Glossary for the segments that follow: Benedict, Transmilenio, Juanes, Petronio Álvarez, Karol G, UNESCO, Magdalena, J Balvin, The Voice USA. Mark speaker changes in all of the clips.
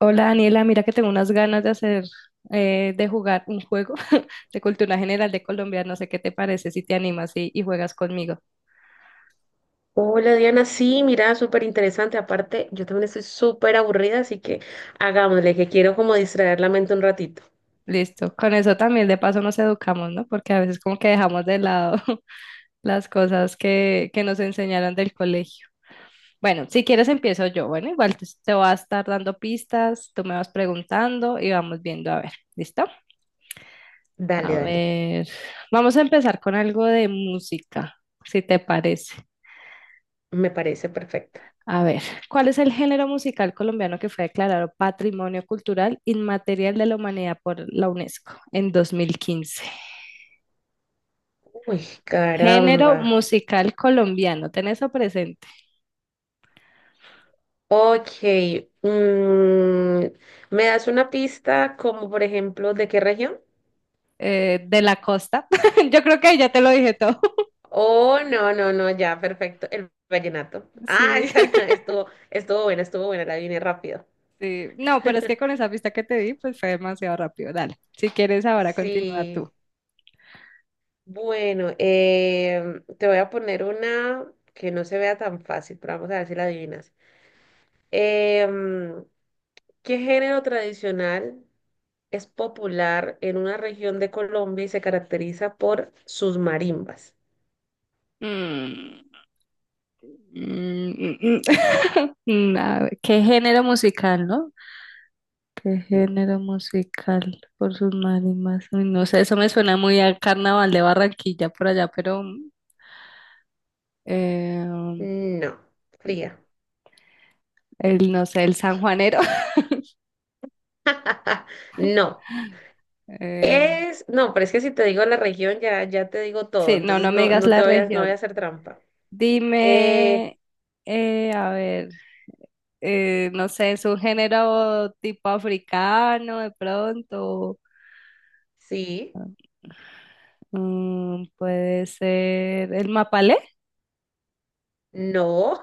Speaker 1: Hola Daniela, mira que tengo unas ganas de hacer, de jugar un juego de cultura general de Colombia. No sé qué te parece si te animas y juegas conmigo.
Speaker 2: Hola Diana, sí, mira, súper interesante. Aparte, yo también estoy súper aburrida, así que hagámosle, que quiero como distraer la mente un ratito.
Speaker 1: Listo. Con eso también de paso nos educamos, ¿no? Porque a veces como que dejamos de lado las cosas que nos enseñaron del colegio. Bueno, si quieres empiezo yo. Bueno, igual te voy a estar dando pistas, tú me vas preguntando y vamos viendo a ver. ¿Listo? A
Speaker 2: Dale, dale.
Speaker 1: ver, vamos a empezar con algo de música, si te parece.
Speaker 2: Me parece perfecto.
Speaker 1: A ver, ¿cuál es el género musical colombiano que fue declarado Patrimonio Cultural Inmaterial de la Humanidad por la UNESCO en 2015?
Speaker 2: Uy,
Speaker 1: Género
Speaker 2: caramba.
Speaker 1: musical colombiano, ¿tenés eso presente?
Speaker 2: Ok, mm, ¿me das una pista como por ejemplo de qué región?
Speaker 1: De la costa. Yo creo que ahí ya te lo dije todo.
Speaker 2: Oh, no, no, no, ya, perfecto. El vallenato. Ah,
Speaker 1: Sí,
Speaker 2: esa estuvo buena, la vine rápido.
Speaker 1: sí. No, pero es que con esa pista que te di, pues fue demasiado rápido. Dale, si quieres ahora continúa tú.
Speaker 2: Sí. Bueno, te voy a poner una que no se vea tan fácil, pero vamos a ver si la adivinas. Em, ¿qué género tradicional es popular en una región de Colombia y se caracteriza por sus marimbas?
Speaker 1: Mm, mm, mm, mm. Mm, a ver, ¿qué género musical, no? ¿Qué
Speaker 2: Sí.
Speaker 1: género musical por sus marimas? Uy, no sé, eso me suena muy al carnaval de Barranquilla por allá, pero eh,
Speaker 2: No, fría.
Speaker 1: no sé, el sanjuanero.
Speaker 2: No.
Speaker 1: Eh,
Speaker 2: No, pero es que si te digo la región ya, ya te digo todo,
Speaker 1: sí, no,
Speaker 2: entonces
Speaker 1: no me
Speaker 2: no,
Speaker 1: digas la
Speaker 2: no voy
Speaker 1: región.
Speaker 2: a hacer trampa. Eh,
Speaker 1: Dime, a ver, no sé, es un género tipo africano de pronto.
Speaker 2: sí,
Speaker 1: Mm, puede ser el mapalé.
Speaker 2: no.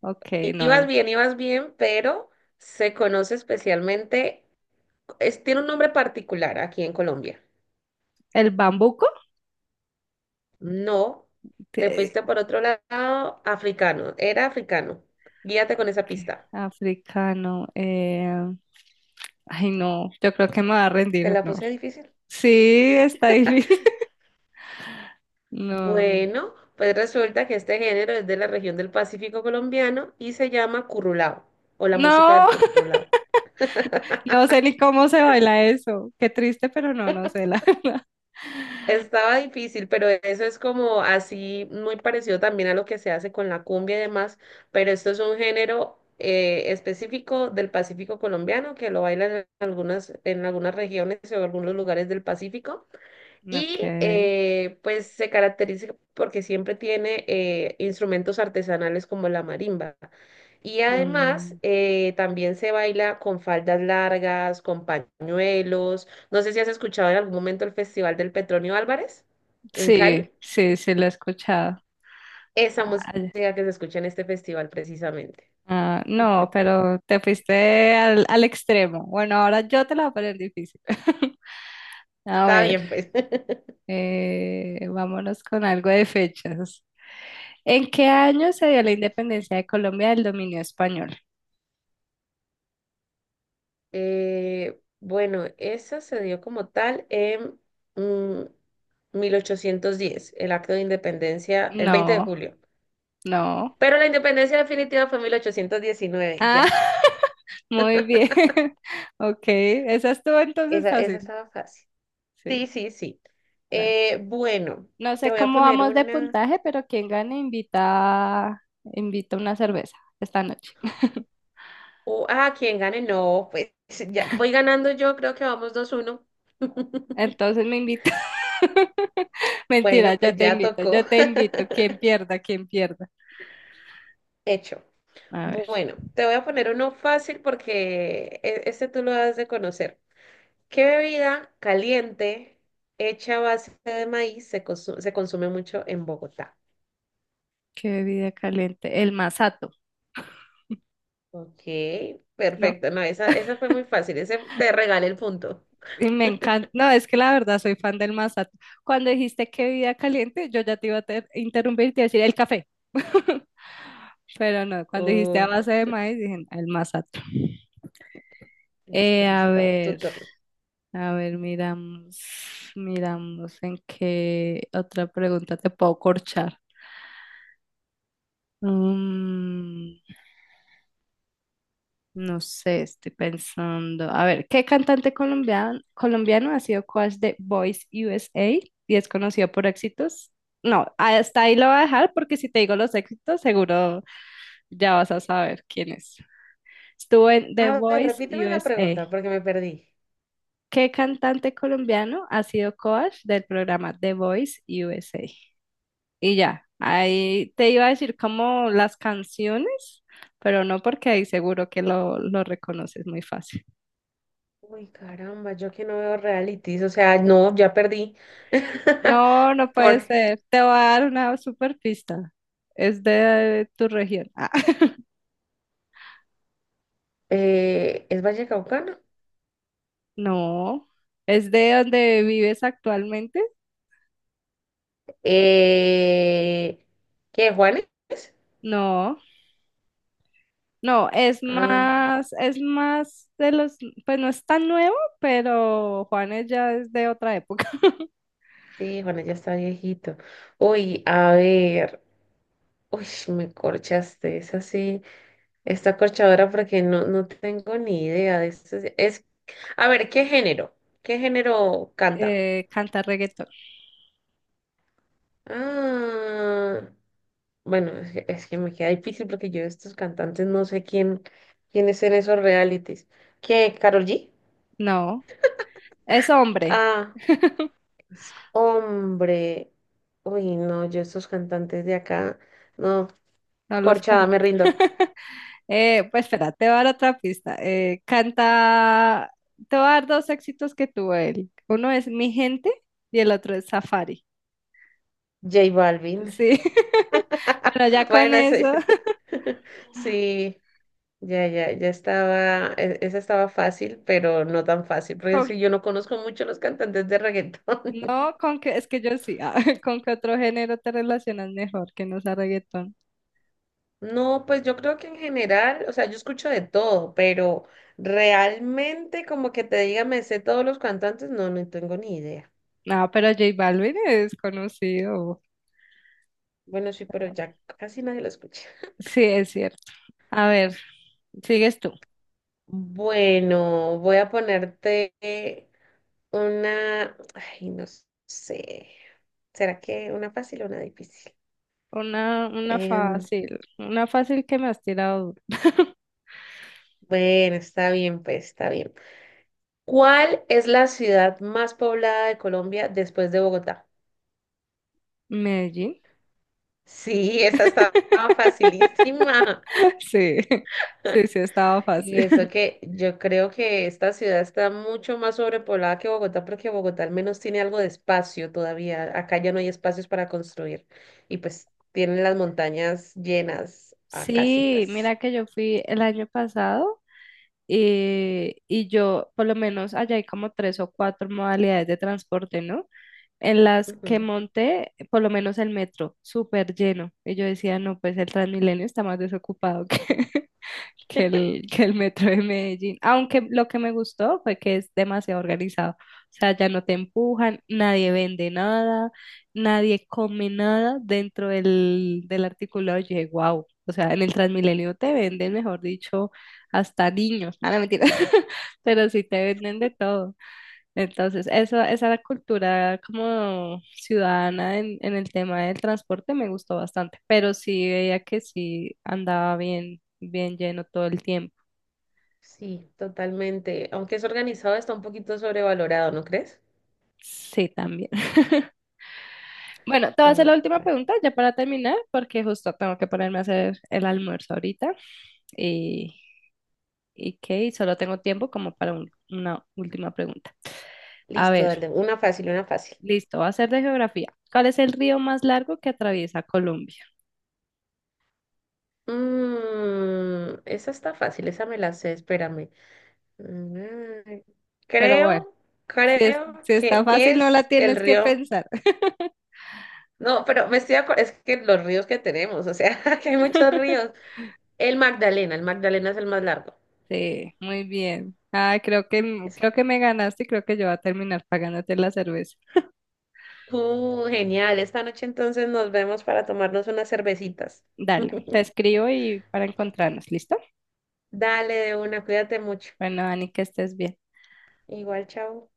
Speaker 1: Ok, no,
Speaker 2: Ibas bien, pero se conoce especialmente, tiene un nombre particular aquí en Colombia.
Speaker 1: el bambuco.
Speaker 2: No, te fuiste por otro lado, africano, era africano. Guíate con esa
Speaker 1: Que-
Speaker 2: pista.
Speaker 1: africano. No, yo creo que me va a
Speaker 2: ¿Te
Speaker 1: rendir,
Speaker 2: la
Speaker 1: no.
Speaker 2: puse difícil?
Speaker 1: Sí, está difícil. No,
Speaker 2: Bueno, pues resulta que este género es de la región del Pacífico colombiano y se llama currulao o la música
Speaker 1: no,
Speaker 2: del currulao.
Speaker 1: no sé ni cómo se baila eso. Qué triste, pero no, no sé la verdad.
Speaker 2: Estaba difícil, pero eso es como así, muy parecido también a lo que se hace con la cumbia y demás, pero esto es un género específico del Pacífico colombiano que lo bailan en algunas regiones o algunos lugares del Pacífico.
Speaker 1: Ok.
Speaker 2: Y pues se caracteriza porque siempre tiene instrumentos artesanales como la marimba. Y además
Speaker 1: Mm,
Speaker 2: también se baila con faldas largas, con pañuelos. No sé si has escuchado en algún momento el Festival del Petronio Álvarez en
Speaker 1: sí,
Speaker 2: Cali.
Speaker 1: sí, sí lo he escuchado.
Speaker 2: Esa música
Speaker 1: Ay,
Speaker 2: que se escucha en este festival precisamente.
Speaker 1: no, pero te fuiste al extremo. Bueno, ahora yo te la voy a poner difícil. A
Speaker 2: Está
Speaker 1: ver.
Speaker 2: bien, pues.
Speaker 1: Vámonos con algo de fechas. ¿En qué año se dio la
Speaker 2: Ay.
Speaker 1: independencia de Colombia del dominio español?
Speaker 2: Bueno, esa se dio como tal en... mm, 1810, el acto de independencia, el 20 de
Speaker 1: No,
Speaker 2: julio.
Speaker 1: no.
Speaker 2: Pero la independencia definitiva fue en 1819, ya.
Speaker 1: Ah,
Speaker 2: Yes.
Speaker 1: muy bien. Ok, esa estuvo entonces
Speaker 2: Esa
Speaker 1: fácil.
Speaker 2: estaba fácil. Sí,
Speaker 1: Sí,
Speaker 2: sí, sí.
Speaker 1: dale.
Speaker 2: Bueno,
Speaker 1: No
Speaker 2: te
Speaker 1: sé
Speaker 2: voy a
Speaker 1: cómo
Speaker 2: poner
Speaker 1: vamos de
Speaker 2: una.
Speaker 1: puntaje, pero quien gane invita, invita una cerveza esta noche.
Speaker 2: O quién gane, no, pues, ya voy ganando yo, creo que vamos 2-1.
Speaker 1: Entonces me invita. Mentira,
Speaker 2: Bueno,
Speaker 1: yo
Speaker 2: pues
Speaker 1: te
Speaker 2: ya
Speaker 1: invito,
Speaker 2: tocó.
Speaker 1: yo te invito. Quien pierda, quien pierda.
Speaker 2: Hecho.
Speaker 1: A ver.
Speaker 2: Bueno, te voy a poner uno fácil porque este tú lo has de conocer. ¿Qué bebida caliente hecha a base de maíz se consume mucho en Bogotá?
Speaker 1: Qué bebida caliente. El masato,
Speaker 2: Ok,
Speaker 1: ¿no?
Speaker 2: perfecto. No, esa fue muy fácil. Ese te regalé el punto.
Speaker 1: Y me encanta. No, es que la verdad soy fan del masato. Cuando dijiste qué bebida caliente, yo ya te iba a interrumpir y te iba a decir el café. Pero no, cuando dijiste a
Speaker 2: Oh,
Speaker 1: base de maíz, dije "No, el masato".
Speaker 2: listo,
Speaker 1: Eh, a
Speaker 2: listo. Tu
Speaker 1: ver,
Speaker 2: turno.
Speaker 1: a ver, miramos, miramos en qué otra pregunta te puedo corchar. Mm, no sé, estoy pensando. A ver, ¿qué cantante colombiano ha sido coach de Voice USA y es conocido por éxitos? No, hasta ahí lo voy a dejar porque si te digo los éxitos, seguro ya vas a saber quién es. Estuvo en
Speaker 2: A
Speaker 1: The
Speaker 2: ver,
Speaker 1: Voice
Speaker 2: repíteme la
Speaker 1: USA.
Speaker 2: pregunta porque me perdí.
Speaker 1: ¿Qué cantante colombiano ha sido coach del programa The Voice USA? Y ya, ahí te iba a decir como las canciones, pero no porque ahí seguro que lo reconoces muy fácil.
Speaker 2: Uy, caramba, yo que no veo realities. O sea, no, ya perdí.
Speaker 1: No, no puede
Speaker 2: Por,
Speaker 1: ser. Te voy a dar una super pista. Es de tu región. Ah,
Speaker 2: ¿es Vallecaucano?
Speaker 1: no. ¿Es de donde vives actualmente?
Speaker 2: Eh, ¿Qué, Juanes?
Speaker 1: No. No,
Speaker 2: Ah.
Speaker 1: es más de los, pues no es tan nuevo, pero Juanes ya es de otra época.
Speaker 2: Sí, bueno, ya está viejito. Uy, a ver. Uy, me corchaste. Es así, esta corchadora porque no, no tengo ni idea de esto. A ver, ¿qué género? ¿Qué género canta?
Speaker 1: Canta reggaetón.
Speaker 2: Ah, bueno, es que me queda difícil porque yo de estos cantantes no sé quién es en esos realities. ¿Qué, Karol G?
Speaker 1: No. Es hombre.
Speaker 2: Ah, es hombre. Uy, no, yo estos cantantes de acá, no,
Speaker 1: No los
Speaker 2: corchada,
Speaker 1: conozco.
Speaker 2: me rindo.
Speaker 1: Pues espera, te voy a dar otra pista. Te voy a dar dos éxitos que tuvo él. Uno es Mi Gente y el otro es Safari.
Speaker 2: J Balvin.
Speaker 1: Sí. Bueno, ya con
Speaker 2: Bueno, eso.
Speaker 1: eso,
Speaker 2: Sí, ya, ya, ya esa estaba fácil, pero no tan fácil, porque es
Speaker 1: con,
Speaker 2: que yo no conozco mucho los cantantes de reggaetón.
Speaker 1: no, con que, es que yo sí, ah, con qué otro género te relacionas mejor que no sea reggaetón.
Speaker 2: No, pues yo creo que en general, o sea, yo escucho de todo, pero realmente como que te diga, me sé todos los cantantes, no, no tengo ni idea.
Speaker 1: No, pero J Balvin es conocido.
Speaker 2: Bueno, sí, pero ya casi nadie lo escucha.
Speaker 1: Sí, es cierto. A ver, sigues tú.
Speaker 2: Bueno, voy a ponerte una, ay, no sé. ¿Será que una fácil o una difícil? Em,
Speaker 1: Una fácil que me has tirado duro.
Speaker 2: bueno, está bien, pues está bien. ¿Cuál es la ciudad más poblada de Colombia después de Bogotá?
Speaker 1: Medellín.
Speaker 2: Sí, esa estaba facilísima.
Speaker 1: Sí, sí, sí, estaba fácil.
Speaker 2: Y eso que yo creo que esta ciudad está mucho más sobrepoblada que Bogotá, porque Bogotá al menos tiene algo de espacio todavía. Acá ya no hay espacios para construir. Y pues tienen las montañas llenas a
Speaker 1: Sí,
Speaker 2: casitas.
Speaker 1: mira que yo fui el año pasado y yo, por lo menos allá hay como tres o cuatro modalidades de transporte, ¿no? En las que
Speaker 2: Ujú.
Speaker 1: monté, por lo menos el metro, súper lleno. Y yo decía, no, pues el Transmilenio está más desocupado que que el metro de Medellín. Aunque lo que me gustó fue que es demasiado organizado. O sea, ya no te empujan, nadie vende nada, nadie come nada dentro del articulado. Yo dije, wow. O sea, en el Transmilenio te venden, mejor dicho, hasta niños. Ah, no, mentira. Pero sí te venden de todo. Entonces, eso, esa cultura como ciudadana en el tema del transporte me gustó bastante, pero sí veía que sí andaba bien, bien lleno todo el tiempo.
Speaker 2: Sí, totalmente. Aunque es organizado, está un poquito sobrevalorado, ¿no crees?
Speaker 1: Sí, también. Bueno, te voy
Speaker 2: Ta,
Speaker 1: a hacer la última
Speaker 2: ta.
Speaker 1: pregunta ya para terminar, porque justo tengo que ponerme a hacer el almuerzo ahorita y, y que solo tengo tiempo como para una última pregunta. A
Speaker 2: Listo,
Speaker 1: ver,
Speaker 2: dale. Una fácil, una fácil.
Speaker 1: listo, va a ser de geografía. ¿Cuál es el río más largo que atraviesa Colombia?
Speaker 2: Esa está fácil, esa me la sé, espérame. Mm,
Speaker 1: Pero bueno.
Speaker 2: Creo,
Speaker 1: Si,
Speaker 2: creo
Speaker 1: si está
Speaker 2: que
Speaker 1: fácil, no la
Speaker 2: es el
Speaker 1: tienes que
Speaker 2: río.
Speaker 1: pensar.
Speaker 2: No, pero me estoy acordando, es que los ríos que tenemos, o sea, que hay muchos ríos. El Magdalena es el más largo.
Speaker 1: Sí, muy bien. Ah, creo que,
Speaker 2: Ese.
Speaker 1: creo que me ganaste y creo que yo voy a terminar pagándote la cerveza.
Speaker 2: Genial. Esta noche entonces nos vemos para tomarnos unas cervecitas.
Speaker 1: Dale, te escribo y para encontrarnos, ¿listo?
Speaker 2: Dale de una, cuídate mucho.
Speaker 1: Bueno, Ani, que estés bien.
Speaker 2: Igual, chao.